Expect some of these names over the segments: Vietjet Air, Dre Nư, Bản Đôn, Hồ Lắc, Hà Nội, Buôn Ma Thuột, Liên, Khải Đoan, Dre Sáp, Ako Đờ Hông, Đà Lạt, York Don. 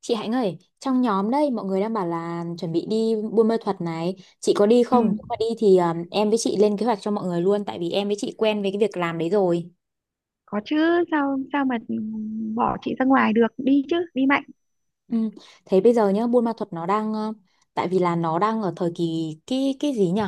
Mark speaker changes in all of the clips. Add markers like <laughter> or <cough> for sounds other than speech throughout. Speaker 1: Chị Hạnh ơi, trong nhóm đây mọi người đang bảo là chuẩn bị đi Buôn Ma Thuột này, chị có đi
Speaker 2: Ừ,
Speaker 1: không? Nếu mà đi thì em với chị lên kế hoạch cho mọi người luôn, tại vì em với chị quen với cái việc làm đấy rồi.
Speaker 2: có chứ, sao sao mà bỏ chị ra ngoài được, đi chứ, đi mạnh.
Speaker 1: Ừ. Thế bây giờ nhá, Buôn Ma Thuột nó đang tại vì là nó đang ở thời kỳ cái gì nhỉ?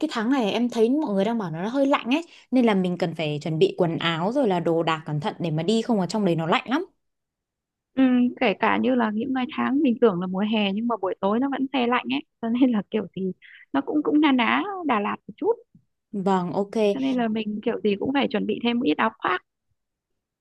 Speaker 1: Cái tháng này em thấy mọi người đang bảo nó hơi lạnh ấy, nên là mình cần phải chuẩn bị quần áo rồi là đồ đạc cẩn thận để mà đi, không ở trong đấy nó lạnh lắm.
Speaker 2: Ừ, kể cả như là những ngày tháng mình tưởng là mùa hè nhưng mà buổi tối nó vẫn se lạnh ấy, cho nên là kiểu gì nó cũng cũng na ná Đà Lạt một chút.
Speaker 1: Vâng, ok.
Speaker 2: Cho nên là mình kiểu gì cũng phải chuẩn bị thêm một ít áo khoác.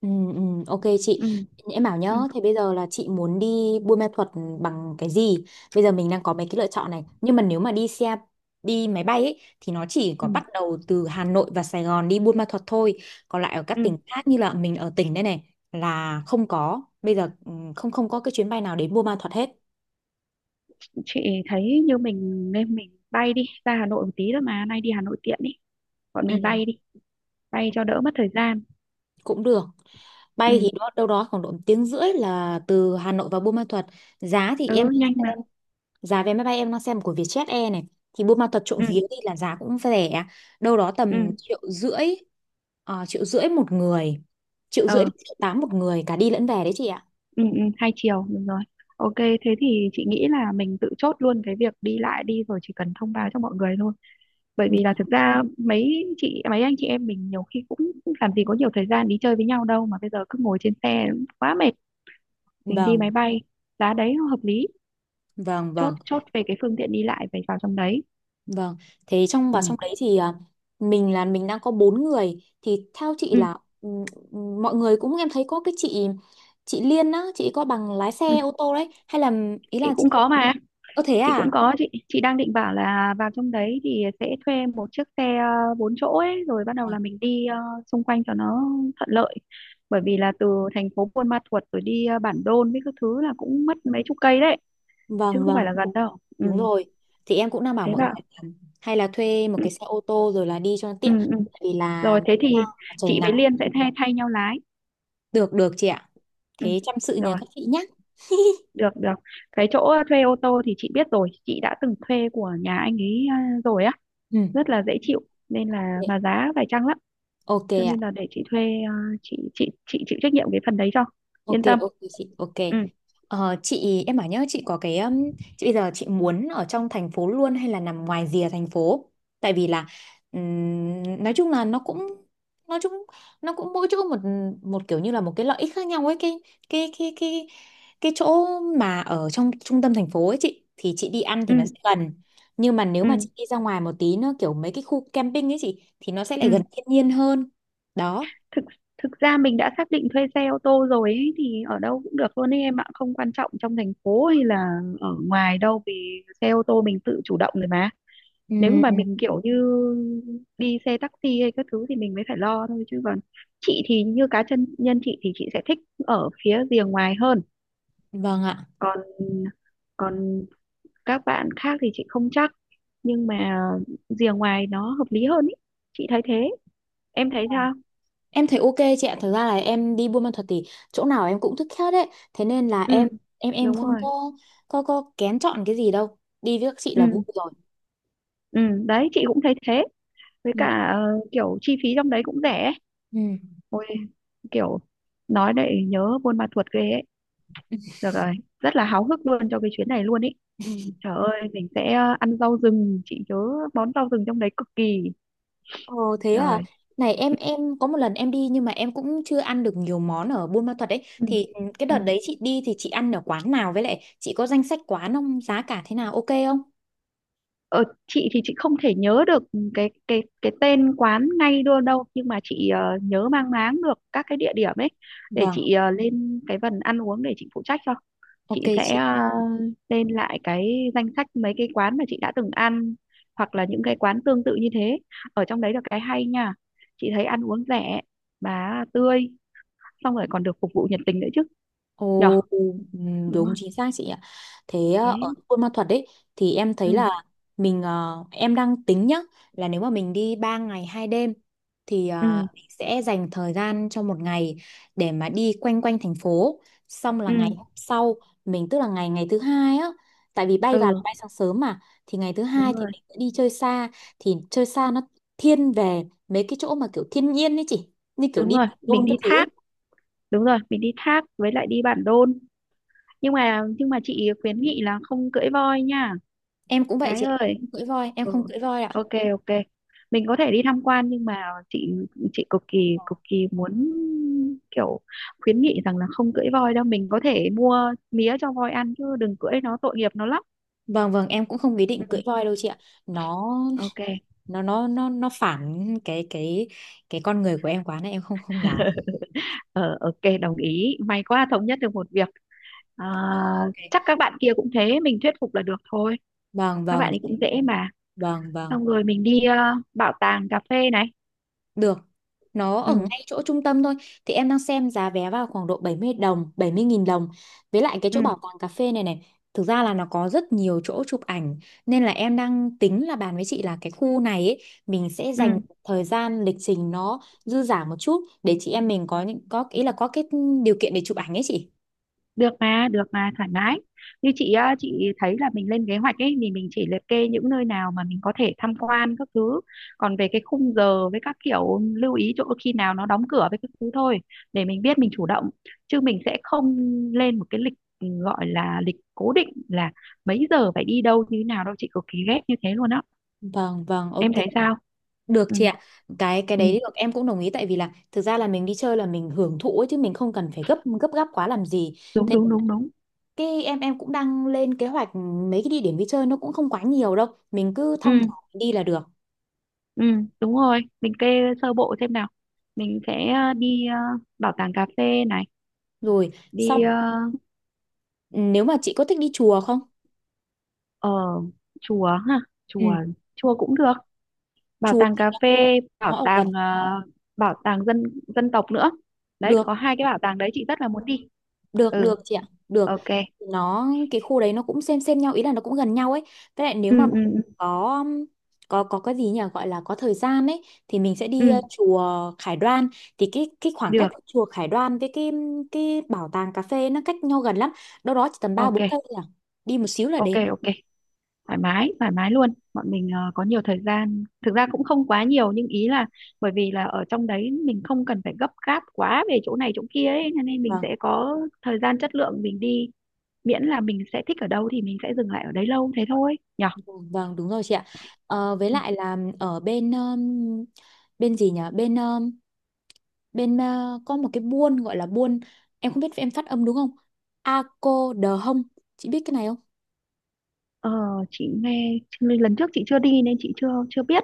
Speaker 1: Ừ, ừ, ok chị,
Speaker 2: Ừ,
Speaker 1: em bảo nhá.
Speaker 2: ừ,
Speaker 1: Thế bây giờ là chị muốn đi Buôn Ma Thuột bằng cái gì? Bây giờ mình đang có mấy cái lựa chọn này, nhưng mà nếu mà đi xe, đi máy bay ấy, thì nó chỉ có
Speaker 2: ừ,
Speaker 1: bắt đầu từ Hà Nội và Sài Gòn đi Buôn Ma Thuột thôi, còn lại ở các
Speaker 2: ừ.
Speaker 1: tỉnh khác, như là mình ở tỉnh đây này, là không có. Bây giờ không không có cái chuyến bay nào đến Buôn Ma Thuột hết.
Speaker 2: Chị thấy như mình nên mình bay đi ra Hà Nội một tí thôi, mà nay đi Hà Nội tiện đi, bọn mình
Speaker 1: Ừ,
Speaker 2: bay đi, bay cho đỡ mất thời gian.
Speaker 1: cũng được. Bay
Speaker 2: Ừ,
Speaker 1: thì đó đâu đó khoảng độ một tiếng rưỡi là từ Hà Nội vào Buôn Ma Thuột. Giá thì em
Speaker 2: ừ, nhanh
Speaker 1: xem,
Speaker 2: mà.
Speaker 1: giá vé máy bay em đang xem của Vietjet Air này thì Buôn Ma Thuột trộm
Speaker 2: Ừ,
Speaker 1: vía đi là giá cũng rẻ, đâu đó
Speaker 2: ừ.
Speaker 1: tầm 1,5 triệu. 1,5 triệu một người, 1,5 triệu
Speaker 2: Ờ,
Speaker 1: đến 1,8 triệu một người cả đi lẫn về đấy chị ạ.
Speaker 2: ừ, ừ, hai chiều, đúng rồi. Ok, thế thì chị nghĩ là mình tự chốt luôn cái việc đi lại đi, rồi chỉ cần thông báo cho mọi người thôi. Bởi vì là
Speaker 1: Vâng,
Speaker 2: thực ra mấy chị mấy anh chị em mình nhiều khi cũng làm gì có nhiều thời gian đi chơi với nhau đâu, mà bây giờ cứ ngồi trên xe quá mệt. Mình đi
Speaker 1: vâng,
Speaker 2: máy bay, giá đấy nó hợp lý.
Speaker 1: vâng,
Speaker 2: Chốt,
Speaker 1: vâng.
Speaker 2: chốt về cái phương tiện đi lại phải vào trong đấy.
Speaker 1: Vâng, thế trong và
Speaker 2: Ừ.
Speaker 1: trong đấy thì mình đang có bốn người, thì theo chị
Speaker 2: Ừ.
Speaker 1: là mọi người cũng, em thấy có cái chị Liên á, chị có bằng lái
Speaker 2: Ừ.
Speaker 1: xe ô tô đấy hay là, ý
Speaker 2: Chị
Speaker 1: là chị
Speaker 2: cũng có mà,
Speaker 1: có, thế
Speaker 2: chị cũng
Speaker 1: à?
Speaker 2: có. Chị đang định bảo là vào trong đấy thì sẽ thuê một chiếc xe bốn chỗ ấy, rồi bắt đầu là mình đi xung quanh cho nó thuận lợi. Bởi vì là từ thành phố Buôn Ma Thuột rồi đi Bản Đôn với các thứ là cũng mất mấy chục cây đấy, chứ
Speaker 1: Vâng
Speaker 2: không phải
Speaker 1: vâng,
Speaker 2: là gần đâu. Ừ,
Speaker 1: đúng rồi. Thì em cũng đang bảo
Speaker 2: thế. Ừ.
Speaker 1: mọi
Speaker 2: Bảo.
Speaker 1: người là hay là thuê một
Speaker 2: Ừ,
Speaker 1: cái xe ô tô rồi là đi cho nó
Speaker 2: ừ,
Speaker 1: tiện,
Speaker 2: ừ.
Speaker 1: tại vì là
Speaker 2: Rồi thế
Speaker 1: xa,
Speaker 2: thì
Speaker 1: trời
Speaker 2: chị với
Speaker 1: nắng.
Speaker 2: Liên sẽ thay thay nhau lái.
Speaker 1: Được được chị ạ.
Speaker 2: Ừ,
Speaker 1: Thế chăm sự nhờ
Speaker 2: rồi,
Speaker 1: các chị nhé.
Speaker 2: được, được. Cái chỗ thuê ô tô thì chị biết rồi, chị đã từng thuê của nhà anh ấy rồi á,
Speaker 1: Ừ.
Speaker 2: rất là dễ chịu, nên là mà giá phải chăng lắm.
Speaker 1: Ok
Speaker 2: Cho
Speaker 1: ạ.
Speaker 2: nên là để chị thuê. à, chị chịu trách nhiệm cái phần đấy cho
Speaker 1: Ok
Speaker 2: yên tâm.
Speaker 1: ok chị ok.
Speaker 2: Ừ,
Speaker 1: Chị, em bảo nhớ chị có cái chị bây giờ chị muốn ở trong thành phố luôn hay là nằm ngoài rìa thành phố, tại vì là ừm, nói chung là nó cũng nói chung nó cũng mỗi chỗ một một kiểu, như là một cái lợi ích khác nhau ấy, cái cái cái cái chỗ mà ở trong trung tâm thành phố ấy chị, thì chị đi ăn thì
Speaker 2: ừ,
Speaker 1: nó sẽ gần, nhưng mà nếu mà
Speaker 2: ừ,
Speaker 1: chị đi ra ngoài một tí nữa kiểu mấy cái khu camping ấy chị thì nó sẽ
Speaker 2: ừ.
Speaker 1: lại gần thiên nhiên hơn đó.
Speaker 2: Thực thực ra mình đã xác định thuê xe ô tô rồi ấy, thì ở đâu cũng được luôn ấy em ạ, không quan trọng trong thành phố hay là ở ngoài đâu, vì xe ô tô mình tự chủ động rồi mà. Nếu mà
Speaker 1: Ừm,
Speaker 2: mình kiểu như đi xe taxi hay các thứ thì mình mới phải lo thôi, chứ còn chị thì như cá chân nhân, chị thì chị sẽ thích ở phía rìa ngoài hơn.
Speaker 1: vâng ạ.
Speaker 2: Còn còn các bạn khác thì chị không chắc, nhưng mà rìa ngoài nó hợp lý hơn ý, chị thấy thế, em thấy sao?
Speaker 1: Em thấy ok chị ạ, thực ra là em đi Buôn Ma thuật thì chỗ nào em cũng thích hết đấy. Thế nên là
Speaker 2: Ừ,
Speaker 1: em
Speaker 2: đúng
Speaker 1: không
Speaker 2: rồi.
Speaker 1: có kén chọn cái gì đâu. Đi với các chị là
Speaker 2: Ừ,
Speaker 1: vui rồi.
Speaker 2: ừ, đấy chị cũng thấy thế. Với
Speaker 1: Ừ.
Speaker 2: cả kiểu chi phí trong đấy cũng rẻ ấy.
Speaker 1: Ừ.
Speaker 2: Ôi kiểu, nói để nhớ Buôn Ma Thuột ghê ấy. Được rồi, rất là háo hức luôn cho cái chuyến này luôn ý. Trời
Speaker 1: <laughs>
Speaker 2: ơi, mình sẽ ăn rau rừng, chị nhớ món rau rừng trong đấy cực kỳ.
Speaker 1: Ồ thế à.
Speaker 2: Rồi.
Speaker 1: Này em có một lần em đi nhưng mà em cũng chưa ăn được nhiều món ở Buôn Ma Thuột đấy.
Speaker 2: Ừ,
Speaker 1: Thì cái đợt
Speaker 2: ừ.
Speaker 1: đấy chị đi thì chị ăn ở quán nào, với lại chị có danh sách quán không? Giá cả thế nào, ok không?
Speaker 2: Ờ, chị thì chị không thể nhớ được cái tên quán ngay đâu đâu, nhưng mà chị nhớ mang máng được các cái địa điểm ấy. Để
Speaker 1: Vâng,
Speaker 2: chị lên cái phần ăn uống để chị phụ trách cho.
Speaker 1: ok
Speaker 2: Chị sẽ
Speaker 1: chị.
Speaker 2: lên lại cái danh sách mấy cái quán mà chị đã từng ăn, hoặc là những cái quán tương tự như thế ở trong đấy, là cái hay nha. Chị thấy ăn uống rẻ mà tươi, xong rồi còn được phục vụ nhiệt tình nữa chứ, nhở?
Speaker 1: Ồ,
Speaker 2: Đúng
Speaker 1: đúng chính
Speaker 2: không?
Speaker 1: xác chị ạ. Thế
Speaker 2: Thế.
Speaker 1: ở Buôn Ma Thuột đấy thì em thấy
Speaker 2: Ừ,
Speaker 1: là mình, em đang tính nhá, là nếu mà mình đi 3 ngày 2 đêm thì
Speaker 2: ừ,
Speaker 1: mình sẽ dành thời gian cho một ngày để mà đi quanh quanh thành phố, xong là ngày
Speaker 2: ừ,
Speaker 1: hôm sau mình, tức là ngày ngày thứ hai á, tại vì bay vào
Speaker 2: ừ.
Speaker 1: là bay sáng sớm mà, thì ngày thứ
Speaker 2: Đúng
Speaker 1: hai thì
Speaker 2: rồi,
Speaker 1: mình sẽ đi chơi xa, thì chơi xa nó thiên về mấy cái chỗ mà kiểu thiên nhiên ấy chị, như kiểu
Speaker 2: đúng
Speaker 1: đi
Speaker 2: rồi,
Speaker 1: Bản
Speaker 2: mình
Speaker 1: Đôn các
Speaker 2: đi
Speaker 1: thứ ấy.
Speaker 2: thác, đúng rồi, mình đi thác với lại đi bản đôn, nhưng mà chị khuyến nghị là không cưỡi voi nha.
Speaker 1: Em cũng vậy
Speaker 2: Gái
Speaker 1: chị ạ, em
Speaker 2: ơi.
Speaker 1: không cưỡi voi, em
Speaker 2: Ừ.
Speaker 1: không cưỡi voi ạ.
Speaker 2: Ok, ok, mình có thể đi tham quan, nhưng mà chị chị
Speaker 1: Ờ.
Speaker 2: cực kỳ muốn kiểu khuyến nghị rằng là không cưỡi voi đâu. Mình có thể mua mía cho voi ăn chứ đừng cưỡi, nó tội nghiệp nó lắm.
Speaker 1: Vâng vâng, em cũng không ý
Speaker 2: Ừ.
Speaker 1: định cưỡi voi đâu chị ạ. Nó
Speaker 2: Ok.
Speaker 1: nó phản cái con người của em quá nên em không không dám.
Speaker 2: <laughs> Ờ, ok, đồng ý, may quá thống nhất được một việc. à,
Speaker 1: Ờ, ok.
Speaker 2: Chắc các bạn kia cũng thế, mình thuyết phục là được thôi,
Speaker 1: Vâng
Speaker 2: các
Speaker 1: vâng,
Speaker 2: bạn ấy
Speaker 1: chị.
Speaker 2: cũng dễ mà.
Speaker 1: Vâng vâng.
Speaker 2: Xong rồi mình đi bảo tàng cà phê này.
Speaker 1: Được. Nó ở
Speaker 2: Ừ,
Speaker 1: ngay chỗ trung tâm thôi. Thì em đang xem giá vé vào khoảng độ 70 đồng, 70.000 đồng. Với lại cái chỗ
Speaker 2: ừ,
Speaker 1: bảo tàng cà phê này này, thực ra là nó có rất nhiều chỗ chụp ảnh, nên là em đang tính là bàn với chị là cái khu này ấy, mình sẽ
Speaker 2: ừ,
Speaker 1: dành thời gian lịch trình nó dư dả một chút, để chị em mình có những, có ý là có cái điều kiện để chụp ảnh ấy chị.
Speaker 2: được mà, được mà, thoải mái. Như chị á, chị thấy là mình lên kế hoạch ấy thì mình chỉ liệt kê những nơi nào mà mình có thể tham quan các thứ, còn về cái khung giờ với các kiểu lưu ý chỗ khi nào nó đóng cửa với các thứ thôi, để mình biết mình chủ động. Chứ mình sẽ không lên một cái lịch, gọi là lịch cố định là mấy giờ phải đi đâu như thế nào đâu, chị cực kỳ ghét như thế luôn á,
Speaker 1: Vâng, vâng, ok.
Speaker 2: em thấy sao?
Speaker 1: Được
Speaker 2: Ừ,
Speaker 1: chị ạ. Cái
Speaker 2: ừ,
Speaker 1: đấy được, em cũng đồng ý, tại vì là thực ra là mình đi chơi là mình hưởng thụ ấy, chứ mình không cần phải gấp gấp gáp quá làm gì.
Speaker 2: đúng,
Speaker 1: Thế.
Speaker 2: đúng, đúng, đúng.
Speaker 1: Cái em cũng đang lên kế hoạch mấy cái địa điểm đi chơi, nó cũng không quá nhiều đâu. Mình cứ
Speaker 2: Ừ.
Speaker 1: thong thả đi là được.
Speaker 2: Ừ, đúng rồi, mình kê sơ bộ xem nào. Mình sẽ đi bảo tàng cà phê này,
Speaker 1: Rồi, xong
Speaker 2: đi
Speaker 1: ừ, nếu mà chị có thích đi chùa không?
Speaker 2: ở chùa ha,
Speaker 1: Ừ,
Speaker 2: chùa chùa cũng được, bảo
Speaker 1: chùa
Speaker 2: tàng
Speaker 1: thì
Speaker 2: cà phê, bảo
Speaker 1: nó ở gần.
Speaker 2: tàng bảo tàng dân dân tộc nữa. Đấy, có
Speaker 1: Được.
Speaker 2: hai cái bảo tàng đấy chị rất là muốn đi.
Speaker 1: Được
Speaker 2: Ừ,
Speaker 1: được chị ạ, được.
Speaker 2: ok.
Speaker 1: Nó cái khu đấy nó cũng xem nhau, ý là nó cũng gần nhau ấy. Với lại nếu mà
Speaker 2: Ừ,
Speaker 1: mình
Speaker 2: ừ, ừ,
Speaker 1: có có cái gì nhỉ, gọi là có thời gian ấy, thì mình sẽ đi
Speaker 2: ừ,
Speaker 1: chùa Khải Đoan. Thì cái khoảng cách
Speaker 2: được.
Speaker 1: của chùa Khải Đoan với cái bảo tàng cà phê nó cách nhau gần lắm. Đâu đó chỉ tầm ba
Speaker 2: Ok,
Speaker 1: bốn cây thôi à. Đi một xíu là
Speaker 2: ok,
Speaker 1: đến.
Speaker 2: ok. Thoải mái, thoải mái luôn, bọn mình có nhiều thời gian, thực ra cũng không quá nhiều, nhưng ý là bởi vì là ở trong đấy mình không cần phải gấp gáp quá về chỗ này chỗ kia ấy, cho nên mình
Speaker 1: Vâng,
Speaker 2: sẽ có thời gian chất lượng mình đi. Miễn là mình sẽ thích ở đâu thì mình sẽ dừng lại ở đấy lâu thế thôi, nhở.
Speaker 1: vâng vâng, đúng rồi chị ạ. Với
Speaker 2: Ừ.
Speaker 1: lại là ở bên bên gì nhỉ? Bên bên có một cái buôn gọi là buôn, em không biết em phát âm đúng không, Ako Đờ Hông, chị biết cái này không?
Speaker 2: ờ, chị nghe lần trước chị chưa đi nên chị chưa chưa biết.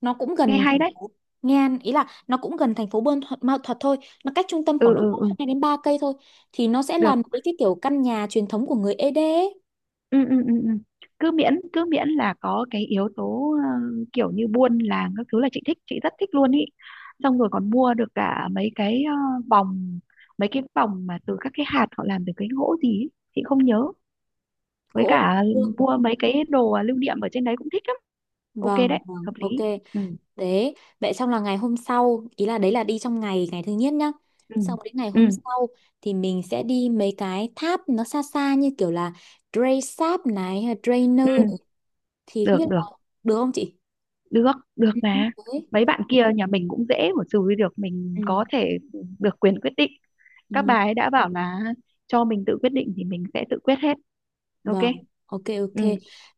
Speaker 1: Nó cũng
Speaker 2: Nghe
Speaker 1: gần
Speaker 2: hay
Speaker 1: thành
Speaker 2: đấy.
Speaker 1: phố. Ngan ý là nó cũng gần thành phố Buôn Thuật, Mao Thuật thôi, nó cách trung tâm khoảng
Speaker 2: Ừ,
Speaker 1: độ
Speaker 2: ừ, ừ,
Speaker 1: 2-3 cây thôi, thì nó sẽ làm
Speaker 2: được.
Speaker 1: cái kiểu căn nhà truyền thống của người Ede ấy.
Speaker 2: Ừ, ừ, ừ, ừ. Cứ miễn là có cái yếu tố kiểu như buôn làng các thứ là chị thích, chị rất thích luôn ý. Xong rồi còn mua được cả mấy cái vòng, mà từ các cái hạt họ làm từ cái gỗ gì ý. Chị không nhớ. Với
Speaker 1: Gỗ ngày
Speaker 2: cả
Speaker 1: xưa.
Speaker 2: mua mấy cái đồ lưu niệm ở trên đấy cũng thích lắm. Ok
Speaker 1: Vâng
Speaker 2: đấy,
Speaker 1: vâng
Speaker 2: hợp lý.
Speaker 1: ok.
Speaker 2: Ừ,
Speaker 1: Đấy, vậy xong là ngày hôm sau, ý là đấy là đi trong ngày, ngày thứ nhất nhá.
Speaker 2: ừ,
Speaker 1: Xong đến ngày hôm
Speaker 2: ừ,
Speaker 1: sau thì mình sẽ đi mấy cái tháp nó xa xa, như kiểu là Dre Sáp này, hay là Dre Nư này.
Speaker 2: ừ.
Speaker 1: Thì không
Speaker 2: Được,
Speaker 1: biết
Speaker 2: được,
Speaker 1: là được không chị?
Speaker 2: được, được
Speaker 1: Ừ.
Speaker 2: mà.
Speaker 1: Đấy.
Speaker 2: Mấy bạn kia nhà mình cũng dễ mà, xử lý được, mình
Speaker 1: Ừ.
Speaker 2: có thể được quyền quyết định. Các bà
Speaker 1: Ừ,
Speaker 2: ấy đã bảo là cho mình tự quyết định thì mình sẽ tự quyết hết. Ok.
Speaker 1: vâng, ok
Speaker 2: Ừ,
Speaker 1: ok.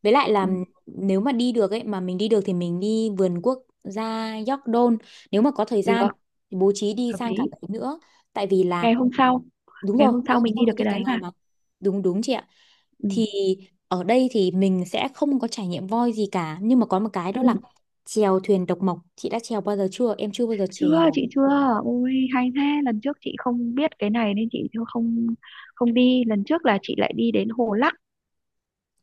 Speaker 1: Với lại
Speaker 2: ừ,
Speaker 1: là nếu mà đi được ấy, mà mình đi được thì mình đi vườn quốc gia York Don. Nếu mà có thời gian
Speaker 2: được,
Speaker 1: thì bố trí đi
Speaker 2: hợp
Speaker 1: sang cả
Speaker 2: lý.
Speaker 1: đấy nữa. Tại vì là,
Speaker 2: Ngày hôm sau,
Speaker 1: đúng rồi, ngày hôm
Speaker 2: mình
Speaker 1: sau
Speaker 2: đi được
Speaker 1: thì đi
Speaker 2: cái
Speaker 1: cả
Speaker 2: đấy
Speaker 1: ngày
Speaker 2: mà.
Speaker 1: mà. Đúng đúng chị ạ.
Speaker 2: Ừ,
Speaker 1: Thì ở đây thì mình sẽ không có trải nghiệm voi gì cả, nhưng mà có một cái đó
Speaker 2: ừ.
Speaker 1: là chèo thuyền độc mộc, chị đã chèo bao giờ chưa, em chưa bao giờ
Speaker 2: Chưa,
Speaker 1: chèo.
Speaker 2: chị chưa. Ôi hay thế, lần trước chị không biết cái này nên chị chưa, không không đi. Lần trước là chị lại đi đến Hồ Lắc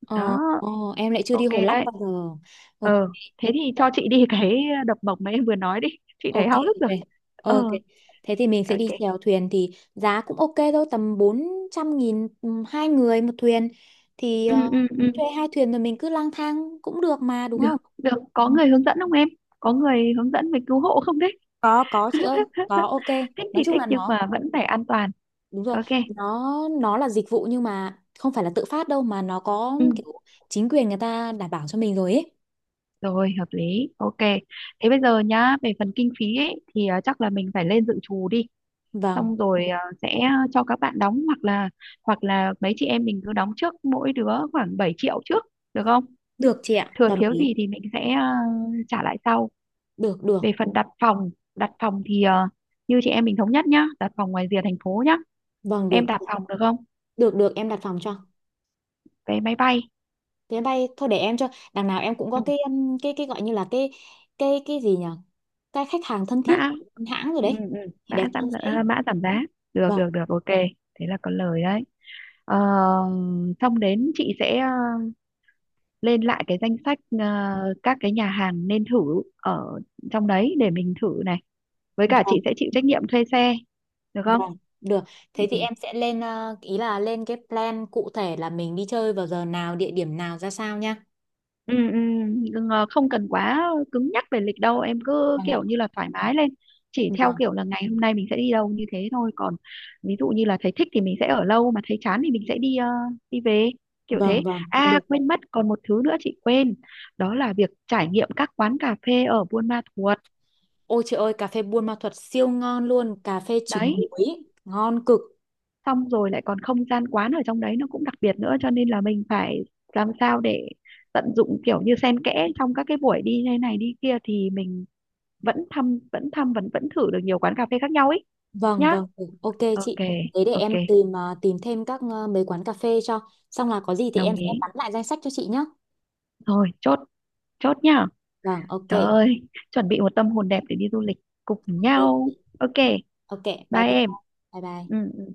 Speaker 1: ờ,
Speaker 2: đó.
Speaker 1: ờ, em lại chưa đi
Speaker 2: Ok
Speaker 1: Hồ Lắc
Speaker 2: đấy.
Speaker 1: bao giờ. Ok
Speaker 2: ờ Thế thì cho chị đi cái đập bổng mà em vừa nói đi, chị thấy
Speaker 1: ok
Speaker 2: háo hức rồi.
Speaker 1: ok ok.
Speaker 2: ờ
Speaker 1: Thế thì mình sẽ đi
Speaker 2: ok.
Speaker 1: chèo thuyền, thì giá cũng ok thôi, tầm 400.000, hai người một thuyền. Thì
Speaker 2: Ừ, ừ, ừ.
Speaker 1: thuê hai thuyền rồi mình cứ lang thang cũng được mà, đúng
Speaker 2: Được,
Speaker 1: không?
Speaker 2: được,
Speaker 1: Ừ.
Speaker 2: có người hướng dẫn không em? Có người hướng dẫn về cứu hộ không đấy?
Speaker 1: Có chị
Speaker 2: <laughs>
Speaker 1: ơi, có, ok.
Speaker 2: Thích thì
Speaker 1: Nói chung
Speaker 2: thích
Speaker 1: là
Speaker 2: nhưng
Speaker 1: nó,
Speaker 2: mà vẫn phải an toàn.
Speaker 1: đúng rồi,
Speaker 2: Ok.
Speaker 1: nó nó là dịch vụ nhưng mà không phải là tự phát đâu, mà nó có
Speaker 2: Ừ.
Speaker 1: kiểu chính quyền người ta đảm bảo cho mình rồi ấy.
Speaker 2: Rồi, hợp lý. Ok. Thế bây giờ nhá, về phần kinh phí ấy thì chắc là mình phải lên dự trù đi,
Speaker 1: Vâng.
Speaker 2: xong rồi sẽ cho các bạn đóng, hoặc là mấy chị em mình cứ đóng trước mỗi đứa khoảng 7 triệu trước, được không?
Speaker 1: Được chị ạ.
Speaker 2: Thừa
Speaker 1: Đồng
Speaker 2: thiếu
Speaker 1: ý.
Speaker 2: gì thì mình sẽ trả lại sau.
Speaker 1: Được được.
Speaker 2: Về phần đặt phòng, đặt phòng thì như chị em mình thống nhất nhá, đặt phòng ngoài rìa thành phố nhá,
Speaker 1: Vâng, được.
Speaker 2: em đặt phòng được không?
Speaker 1: Được được em đặt phòng cho.
Speaker 2: Vé máy bay.
Speaker 1: Thế bay thôi, để em cho. Đằng nào em cũng có
Speaker 2: Ừ,
Speaker 1: cái cái gọi như là cái gì nhỉ, cái khách hàng thân thiết
Speaker 2: mã.
Speaker 1: hãng rồi
Speaker 2: Ừ,
Speaker 1: đấy,
Speaker 2: ừ,
Speaker 1: thì đẹp cho dễ.
Speaker 2: mã giảm giá. Được,
Speaker 1: Vâng
Speaker 2: được, được, ok. Thế là có lời đấy. Ờ, xong đến chị sẽ lên lại cái danh sách các cái nhà hàng nên thử ở trong đấy để mình thử này, với cả
Speaker 1: vâng
Speaker 2: chị sẽ chịu trách nhiệm thuê xe, được không?
Speaker 1: vâng, được. Thế
Speaker 2: Ừ.
Speaker 1: thì em sẽ lên ý là lên cái plan cụ thể, là mình đi chơi vào giờ nào, địa điểm nào, ra sao nha.
Speaker 2: Ừ, ừ, đừng không cần quá cứng nhắc về lịch đâu em, cứ
Speaker 1: Vâng ạ.
Speaker 2: kiểu như là thoải mái lên, chỉ theo
Speaker 1: Vâng.
Speaker 2: kiểu là ngày hôm nay mình sẽ đi đâu như thế thôi. Còn ví dụ như là thấy thích thì mình sẽ ở lâu, mà thấy chán thì mình sẽ đi về, kiểu
Speaker 1: Vâng
Speaker 2: thế.
Speaker 1: vâng,
Speaker 2: À,
Speaker 1: được.
Speaker 2: quên mất, còn một thứ nữa chị quên, đó là việc trải nghiệm các quán cà phê ở Buôn Ma Thuột.
Speaker 1: Ôi trời ơi, cà phê Buôn Ma Thuột siêu ngon luôn, cà phê trứng
Speaker 2: Đấy,
Speaker 1: muối ngon cực.
Speaker 2: xong rồi lại còn không gian quán ở trong đấy nó cũng đặc biệt nữa, cho nên là mình phải làm sao để tận dụng kiểu như xen kẽ trong các cái buổi đi thế này đi kia, thì mình vẫn thăm vẫn thăm vẫn vẫn thử được nhiều quán cà phê khác nhau ấy.
Speaker 1: Vâng
Speaker 2: Nhá.
Speaker 1: vâng, được. Ok
Speaker 2: Ok,
Speaker 1: chị, thế để
Speaker 2: ok,
Speaker 1: em tìm tìm thêm các, mấy quán cà phê cho. Xong là có gì thì
Speaker 2: đồng
Speaker 1: em sẽ
Speaker 2: ý.
Speaker 1: bắn lại danh sách cho chị nhé.
Speaker 2: Thôi chốt, chốt nhá.
Speaker 1: Vâng, ok.
Speaker 2: Trời ơi, chuẩn bị một tâm hồn đẹp để đi du lịch cùng
Speaker 1: Ok,
Speaker 2: nhau.
Speaker 1: chị.
Speaker 2: Ok,
Speaker 1: Ok, bye
Speaker 2: bye
Speaker 1: bye.
Speaker 2: em.
Speaker 1: Bye bye.
Speaker 2: Ừ. Ừ.